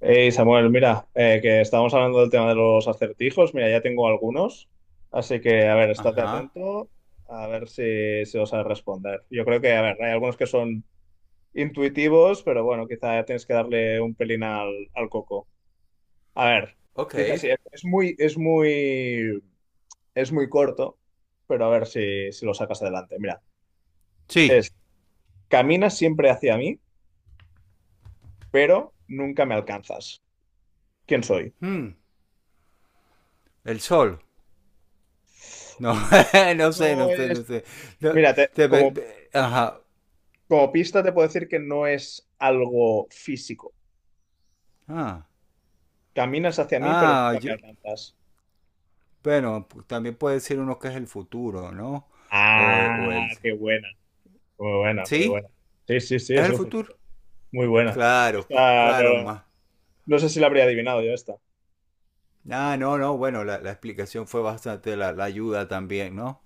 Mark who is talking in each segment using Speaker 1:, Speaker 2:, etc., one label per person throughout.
Speaker 1: Hey Samuel, mira, que estábamos hablando del tema de los acertijos. Mira, ya tengo algunos, así que a ver, estate
Speaker 2: Ajá.
Speaker 1: atento, a ver si los sabes responder. Yo creo que, a ver, hay algunos que son intuitivos, pero bueno, quizá tienes que darle un pelín al coco. A ver,
Speaker 2: Ok.
Speaker 1: dice así, es muy corto, pero a ver si lo sacas adelante. Mira,
Speaker 2: Sí.
Speaker 1: es, caminas siempre hacia mí, pero nunca me alcanzas. ¿Quién soy?
Speaker 2: Hmm. El sol. No,
Speaker 1: No
Speaker 2: no
Speaker 1: es.
Speaker 2: sé. No,
Speaker 1: Mírate, como
Speaker 2: ajá.
Speaker 1: Como pista te puedo decir que no es algo físico.
Speaker 2: Ah,
Speaker 1: Caminas hacia mí, pero
Speaker 2: ah,
Speaker 1: nunca me
Speaker 2: yo-
Speaker 1: alcanzas.
Speaker 2: bueno, también puede decir uno que es el futuro, ¿no? O, o
Speaker 1: Ah,
Speaker 2: el...
Speaker 1: qué buena. Muy buena, muy
Speaker 2: ¿Sí?
Speaker 1: buena. Sí, sí, sí,
Speaker 2: ¿Es
Speaker 1: es
Speaker 2: el
Speaker 1: el
Speaker 2: futuro?
Speaker 1: futuro. Muy buena.
Speaker 2: Claro,
Speaker 1: Esta
Speaker 2: claro,
Speaker 1: no,
Speaker 2: más.
Speaker 1: no sé si la habría adivinado yo esta.
Speaker 2: Ah, no, no, bueno, la explicación fue bastante, la ayuda también, ¿no?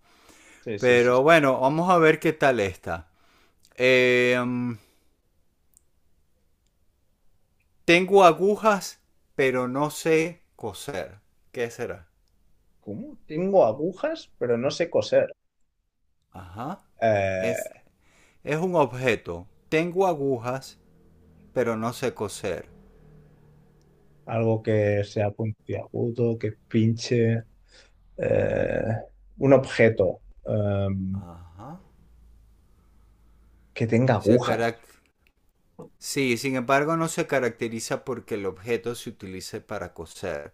Speaker 1: Sí, sí, sí, sí.
Speaker 2: Pero bueno, vamos a ver qué tal está. Eh, mm, Tengo agujas, pero no sé coser. ¿Qué será?
Speaker 1: ¿Cómo? Tengo agujas, pero no sé coser.
Speaker 2: Ajá. Es,
Speaker 1: Eh,
Speaker 2: es un objeto. Tengo agujas, pero no sé coser.
Speaker 1: algo que sea puntiagudo, que pinche. eh, un objeto
Speaker 2: Ajá.
Speaker 1: que tenga
Speaker 2: Se
Speaker 1: agujas.
Speaker 2: carac- Sí, sin embargo, no se caracteriza porque el objeto se utilice para coser.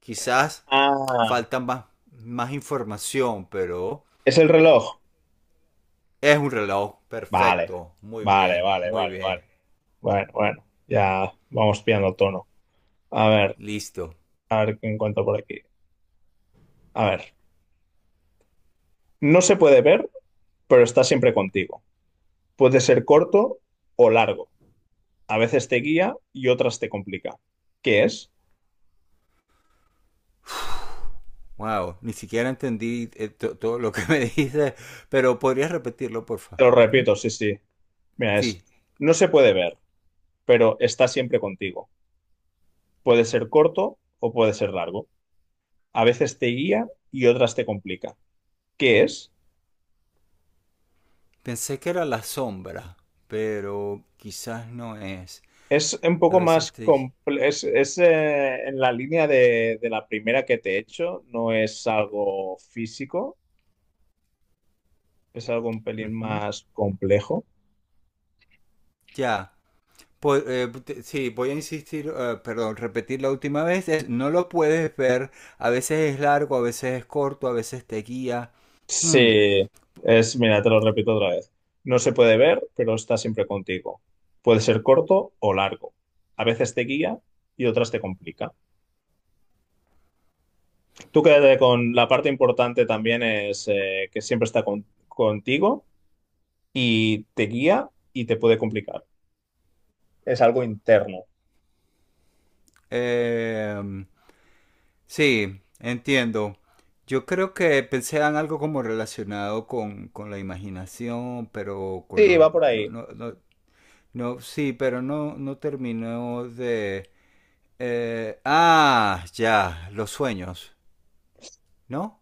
Speaker 2: Quizás
Speaker 1: Ah,
Speaker 2: falta más, más información, pero
Speaker 1: es el reloj.
Speaker 2: es un reloj.
Speaker 1: Vale,
Speaker 2: Perfecto. Muy
Speaker 1: vale,
Speaker 2: bien,
Speaker 1: vale,
Speaker 2: muy
Speaker 1: vale, vale.
Speaker 2: bien.
Speaker 1: Bueno, bueno, ya vamos pillando el tono. A ver,
Speaker 2: Listo.
Speaker 1: a ver qué encuentro por aquí. A ver, no se puede ver, pero está siempre contigo. Puede ser corto o largo. A veces te guía y otras te complica. ¿Qué es?
Speaker 2: Wow, ni siquiera entendí todo lo que me dijiste, pero podrías repetirlo, porfa.
Speaker 1: Te lo
Speaker 2: Ujú.
Speaker 1: repito, sí, sí. Mira, es,
Speaker 2: Sí,
Speaker 1: no se puede ver, pero está siempre contigo. Puede ser corto o puede ser largo. A veces te guía y otras te complica. ¿Qué es?
Speaker 2: pensé que era la sombra, pero quizás no es.
Speaker 1: Es un
Speaker 2: A
Speaker 1: poco
Speaker 2: veces
Speaker 1: más
Speaker 2: te...
Speaker 1: complejo, en la línea de la primera que te he hecho, no es algo físico, es algo un pelín
Speaker 2: Ujú.
Speaker 1: más complejo.
Speaker 2: Ya. Sí, voy a insistir, perdón, repetir la última vez. Es, no lo puedes ver. A veces es largo, a veces es corto, a veces te guía. Mm,
Speaker 1: Sí, es, mira, te lo repito otra vez. No se puede ver, pero está siempre contigo. Puede ser corto o largo. A veces te guía y otras te complica. Tú quédate con la parte importante también es que siempre está contigo y te guía y te puede complicar. Es algo interno.
Speaker 2: eh, Sí, entiendo. Yo creo que pensé en algo como relacionado con la imaginación, pero con
Speaker 1: Sí,
Speaker 2: los...
Speaker 1: va por
Speaker 2: No,
Speaker 1: ahí.
Speaker 2: no, no, no, sí, pero no, no terminó de... ah, ya, los sueños, ¿no?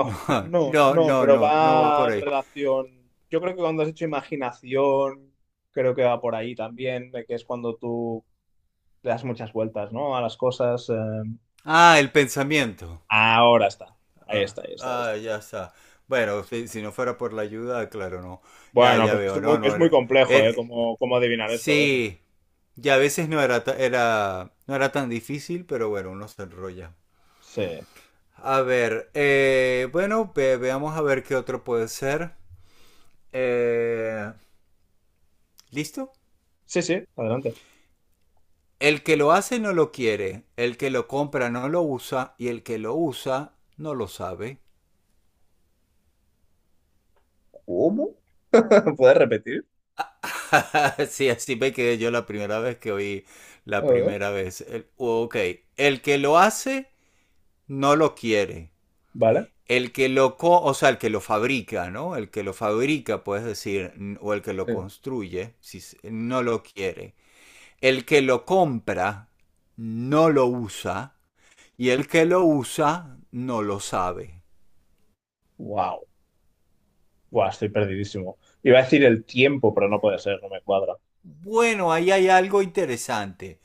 Speaker 2: No,
Speaker 1: no,
Speaker 2: no,
Speaker 1: no,
Speaker 2: no,
Speaker 1: pero
Speaker 2: no, no va
Speaker 1: va
Speaker 2: por
Speaker 1: en
Speaker 2: ahí.
Speaker 1: relación. Yo creo que cuando has hecho imaginación, creo que va por ahí también, de que es cuando tú le das muchas vueltas, ¿no? A las cosas.
Speaker 2: Ah, el pensamiento.
Speaker 1: Ahora está. Ahí
Speaker 2: Ah,
Speaker 1: está, ahí está, ahí
Speaker 2: ah,
Speaker 1: está.
Speaker 2: ya está. Bueno, si, si no fuera por la ayuda, claro, no. Ya,
Speaker 1: Bueno,
Speaker 2: ya
Speaker 1: pues
Speaker 2: veo, no, no.
Speaker 1: es muy complejo, ¿eh?
Speaker 2: Er-
Speaker 1: Cómo, cómo adivinar esto a veces.
Speaker 2: Sí, y a veces no era, era, no era tan difícil, pero bueno, uno se enrolla.
Speaker 1: Sí.
Speaker 2: A ver, bueno, veamos a ver qué otro puede ser. Eh, ¿Listo?
Speaker 1: Sí, sí, adelante.
Speaker 2: El que lo hace no lo quiere, el que lo compra no lo usa y el que lo usa no lo sabe.
Speaker 1: ¿Cómo? ¿Puedes repetir?
Speaker 2: Sí, así me quedé yo la primera vez que oí
Speaker 1: A
Speaker 2: la
Speaker 1: ver,
Speaker 2: primera vez. Ok, el que lo hace no lo quiere,
Speaker 1: vale.
Speaker 2: el que lo, o sea, el que lo fabrica, ¿no? El que lo fabrica, puedes decir, o el que lo
Speaker 1: Eh,
Speaker 2: construye, si no lo quiere. El que lo compra no lo usa y el que lo usa no lo sabe.
Speaker 1: Wow. Buah, estoy perdidísimo. Iba a decir el tiempo, pero no puede ser, no me cuadra.
Speaker 2: Bueno, ahí hay algo interesante.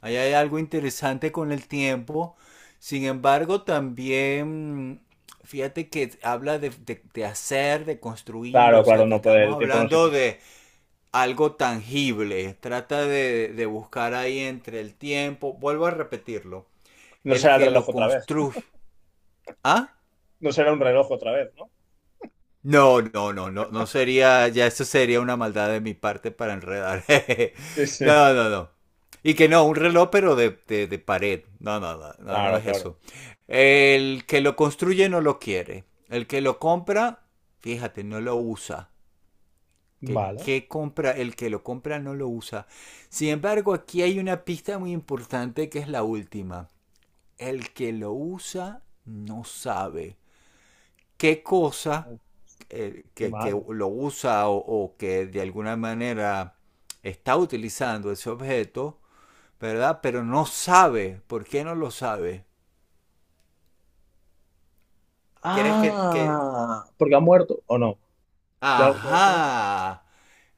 Speaker 2: Ahí hay algo interesante con el tiempo. Sin embargo, también, fíjate que habla de, de hacer, de construir,
Speaker 1: Claro,
Speaker 2: o
Speaker 1: claro,
Speaker 2: sea, que
Speaker 1: no puede,
Speaker 2: estamos
Speaker 1: el tiempo no se.
Speaker 2: hablando de, algo tangible. Trata de buscar ahí entre el tiempo. Vuelvo a repetirlo.
Speaker 1: No
Speaker 2: El
Speaker 1: será el
Speaker 2: que
Speaker 1: reloj
Speaker 2: lo
Speaker 1: otra vez.
Speaker 2: construye. ¿Ah?
Speaker 1: No será un reloj otra vez, ¿no?
Speaker 2: No, no, no, no, no sería, ya eso sería una maldad de mi parte para enredar.
Speaker 1: Sí, sí.
Speaker 2: no, no, no. Y que no, un reloj pero de pared. No, no, no, no, no
Speaker 1: Claro,
Speaker 2: es
Speaker 1: claro.
Speaker 2: eso. El que lo construye no lo quiere. El que lo compra, fíjate, no lo usa.
Speaker 1: Vale.
Speaker 2: Que compra, el que lo compra no lo usa. Sin embargo, aquí hay una pista muy importante que es la última. El que lo usa no sabe qué cosa
Speaker 1: Uf, qué
Speaker 2: que,
Speaker 1: mal.
Speaker 2: lo usa o, que de alguna manera está utilizando ese objeto, ¿verdad? Pero no sabe. ¿Por qué no lo sabe? ¿Quieres que...
Speaker 1: Ah, porque ha muerto o no. ¿Tiene algo que ver con eso?
Speaker 2: Ajá.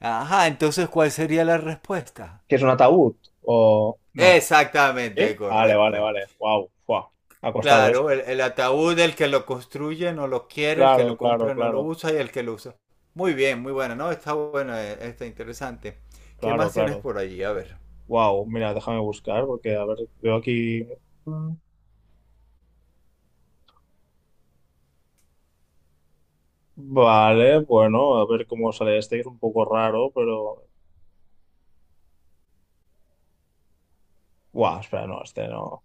Speaker 2: Ajá, entonces ¿cuál sería la respuesta?
Speaker 1: ¿Que es un ataúd o no?
Speaker 2: Exactamente,
Speaker 1: ¿Eh? Vale, vale,
Speaker 2: correcto.
Speaker 1: vale. Wow, wow. Ha costado eso.
Speaker 2: Claro, el ataúd, el que lo construye no lo quiere, el que
Speaker 1: Claro,
Speaker 2: lo
Speaker 1: claro,
Speaker 2: compra no lo
Speaker 1: claro.
Speaker 2: usa y el que lo usa. Muy bien, muy bueno, ¿no? Está bueno, está interesante. ¿Qué
Speaker 1: Claro,
Speaker 2: más tienes
Speaker 1: claro.
Speaker 2: por allí? A ver.
Speaker 1: Wow, mira, déjame buscar porque, a ver, veo aquí. Mm. Vale, bueno, a ver cómo sale este, que es un poco raro, pero. Wow, espera, no, este no.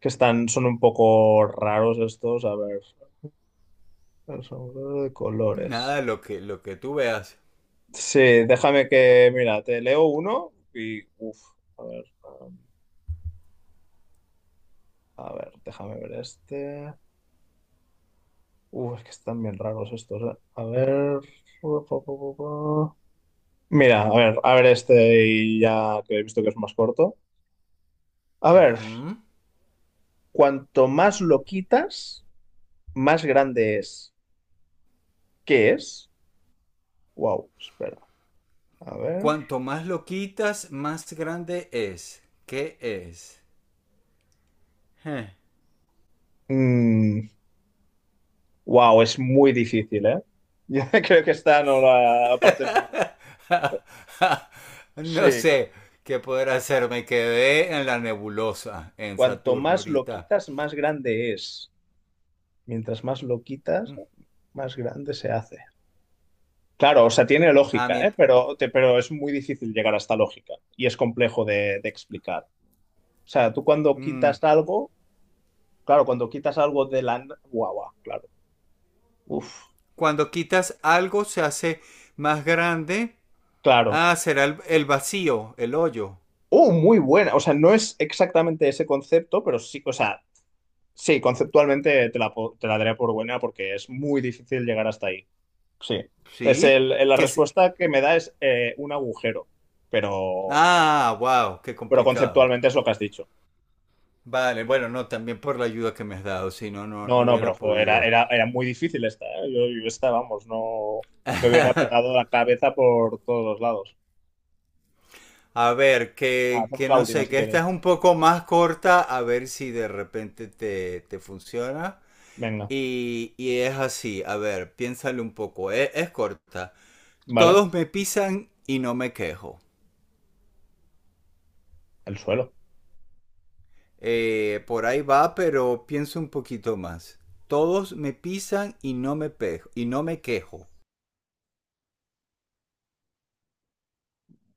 Speaker 1: Que están, son un poco raros estos. A ver, son de colores.
Speaker 2: Nada, lo que tú veas.
Speaker 1: Sí, déjame que, mira, te leo uno y, a ver, a ver, déjame ver este. Uf, es que están bien raros estos, eh. A ver. Pu, pu, pu, pu, pu. Mira, a ver este y ya que he visto que es más corto. A ver,
Speaker 2: Ujú.
Speaker 1: cuanto más lo quitas, más grande es. ¿Qué es? Wow, espera. A ver.
Speaker 2: Cuanto más lo quitas, más grande es. ¿Qué es? Eh.
Speaker 1: Mm, Wow, es muy difícil, ¿eh? Yo creo que esta no la aparte no. Sí,
Speaker 2: No sé qué poder hacer. Me quedé en la nebulosa en
Speaker 1: cuanto
Speaker 2: Saturno
Speaker 1: más lo
Speaker 2: ahorita.
Speaker 1: quitas, más grande es. Mientras más lo quitas, más grande se hace. Claro, o sea, tiene
Speaker 2: Ah,
Speaker 1: lógica, ¿eh?
Speaker 2: mient-
Speaker 1: Pero es muy difícil llegar a esta lógica y es complejo de explicar. O sea, tú cuando
Speaker 2: mm,
Speaker 1: quitas algo, claro, cuando quitas algo de la... Guau, guau, claro. Uf,
Speaker 2: Cuando quitas algo se hace más grande.
Speaker 1: claro.
Speaker 2: Ah, será el vacío, el hoyo.
Speaker 1: Oh, muy buena. O sea, no es exactamente ese concepto, pero sí, o sea, sí, conceptualmente te la, te la daré por buena porque es muy difícil llegar hasta ahí. Sí. Es
Speaker 2: ¿Sí?
Speaker 1: el, la
Speaker 2: Que se-
Speaker 1: respuesta que me da es un agujero, pero,
Speaker 2: Ah, wow, qué
Speaker 1: pero
Speaker 2: complicado.
Speaker 1: conceptualmente es lo que has dicho.
Speaker 2: Vale, bueno, no, también por la ayuda que me has dado, si no, no, no
Speaker 1: No, no, pero
Speaker 2: hubiera
Speaker 1: jo,
Speaker 2: podido.
Speaker 1: era muy difícil esta, ¿eh? Yo esta, vamos, no me hubiera petado la cabeza por todos los lados.
Speaker 2: A ver,
Speaker 1: Ah, hacemos
Speaker 2: que
Speaker 1: la
Speaker 2: no
Speaker 1: última
Speaker 2: sé,
Speaker 1: si
Speaker 2: que esta
Speaker 1: quieres.
Speaker 2: es un poco más corta, a ver si de repente te, te funciona.
Speaker 1: Venga,
Speaker 2: Y es así, a ver, piénsale un poco, es, corta.
Speaker 1: ¿vale?
Speaker 2: Todos me pisan y no me quejo.
Speaker 1: El suelo.
Speaker 2: Por ahí va, pero pienso un poquito más. Todos me pisan y no me, pejo, y no me quejo.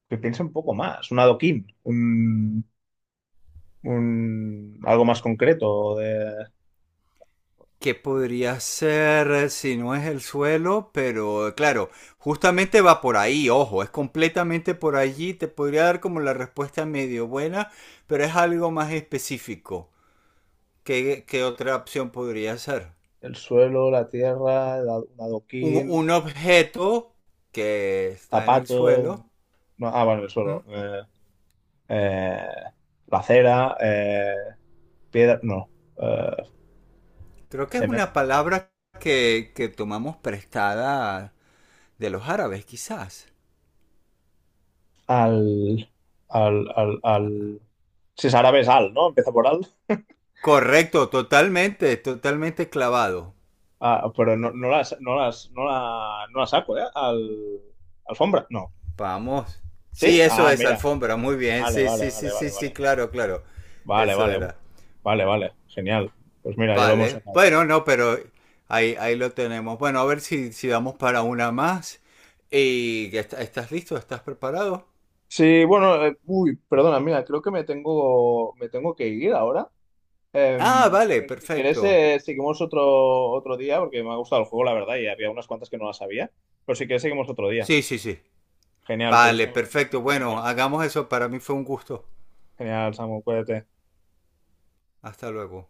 Speaker 1: Que piense un poco más, un adoquín, un, algo más concreto.
Speaker 2: ¿Qué podría ser si no es el suelo? Pero claro, justamente va por ahí, ojo, es completamente por allí. Te podría dar como la respuesta medio buena, pero es algo más específico. ¿Qué, qué otra opción podría ser?
Speaker 1: El suelo, la tierra, el un adoquín,
Speaker 2: Un objeto que está en el
Speaker 1: zapato.
Speaker 2: suelo.
Speaker 1: un- no, ah, bueno, el
Speaker 2: Mm,
Speaker 1: suelo. Eh, la acera, piedra. No. eh,
Speaker 2: Creo que es
Speaker 1: cemento.
Speaker 2: una palabra que tomamos prestada de los árabes, quizás.
Speaker 1: Al, al, al, al. Si es árabe, es al, ¿no? Empieza por al.
Speaker 2: Correcto, totalmente, totalmente clavado.
Speaker 1: Ah, pero no, no las, no las, no la, no la saco, ¿eh? Al, alfombra, no.
Speaker 2: Vamos. Sí,
Speaker 1: ¿Sí?
Speaker 2: eso
Speaker 1: Ah,
Speaker 2: es
Speaker 1: mira.
Speaker 2: alfombra, muy bien.
Speaker 1: Vale,
Speaker 2: Sí,
Speaker 1: vale,
Speaker 2: sí,
Speaker 1: vale,
Speaker 2: sí, sí,
Speaker 1: vale,
Speaker 2: sí,
Speaker 1: vale.
Speaker 2: claro, claro.
Speaker 1: Vale,
Speaker 2: Eso
Speaker 1: vale. Uf.
Speaker 2: era.
Speaker 1: Vale, vale. Genial. Pues mira, ya lo hemos
Speaker 2: Vale.
Speaker 1: sacado.
Speaker 2: Bueno, no, pero ahí, ahí lo tenemos. Bueno, a ver si, si damos para una más. ¿Y estás listo? ¿Estás preparado?
Speaker 1: Sí, bueno, uy, perdona, mira, creo que me tengo que ir ahora.
Speaker 2: Ah, vale,
Speaker 1: Pero si quieres,
Speaker 2: perfecto.
Speaker 1: seguimos otro día, porque me ha gustado el juego, la verdad, y había unas cuantas que no las sabía. Pero si quieres, seguimos otro día.
Speaker 2: Sí, sí, sí.
Speaker 1: Genial, pues
Speaker 2: Vale,
Speaker 1: estamos en
Speaker 2: perfecto.
Speaker 1: contacto,
Speaker 2: Bueno,
Speaker 1: Samuel.
Speaker 2: hagamos eso. Para mí fue un gusto.
Speaker 1: Genial, Samuel, cuídate.
Speaker 2: Hasta luego.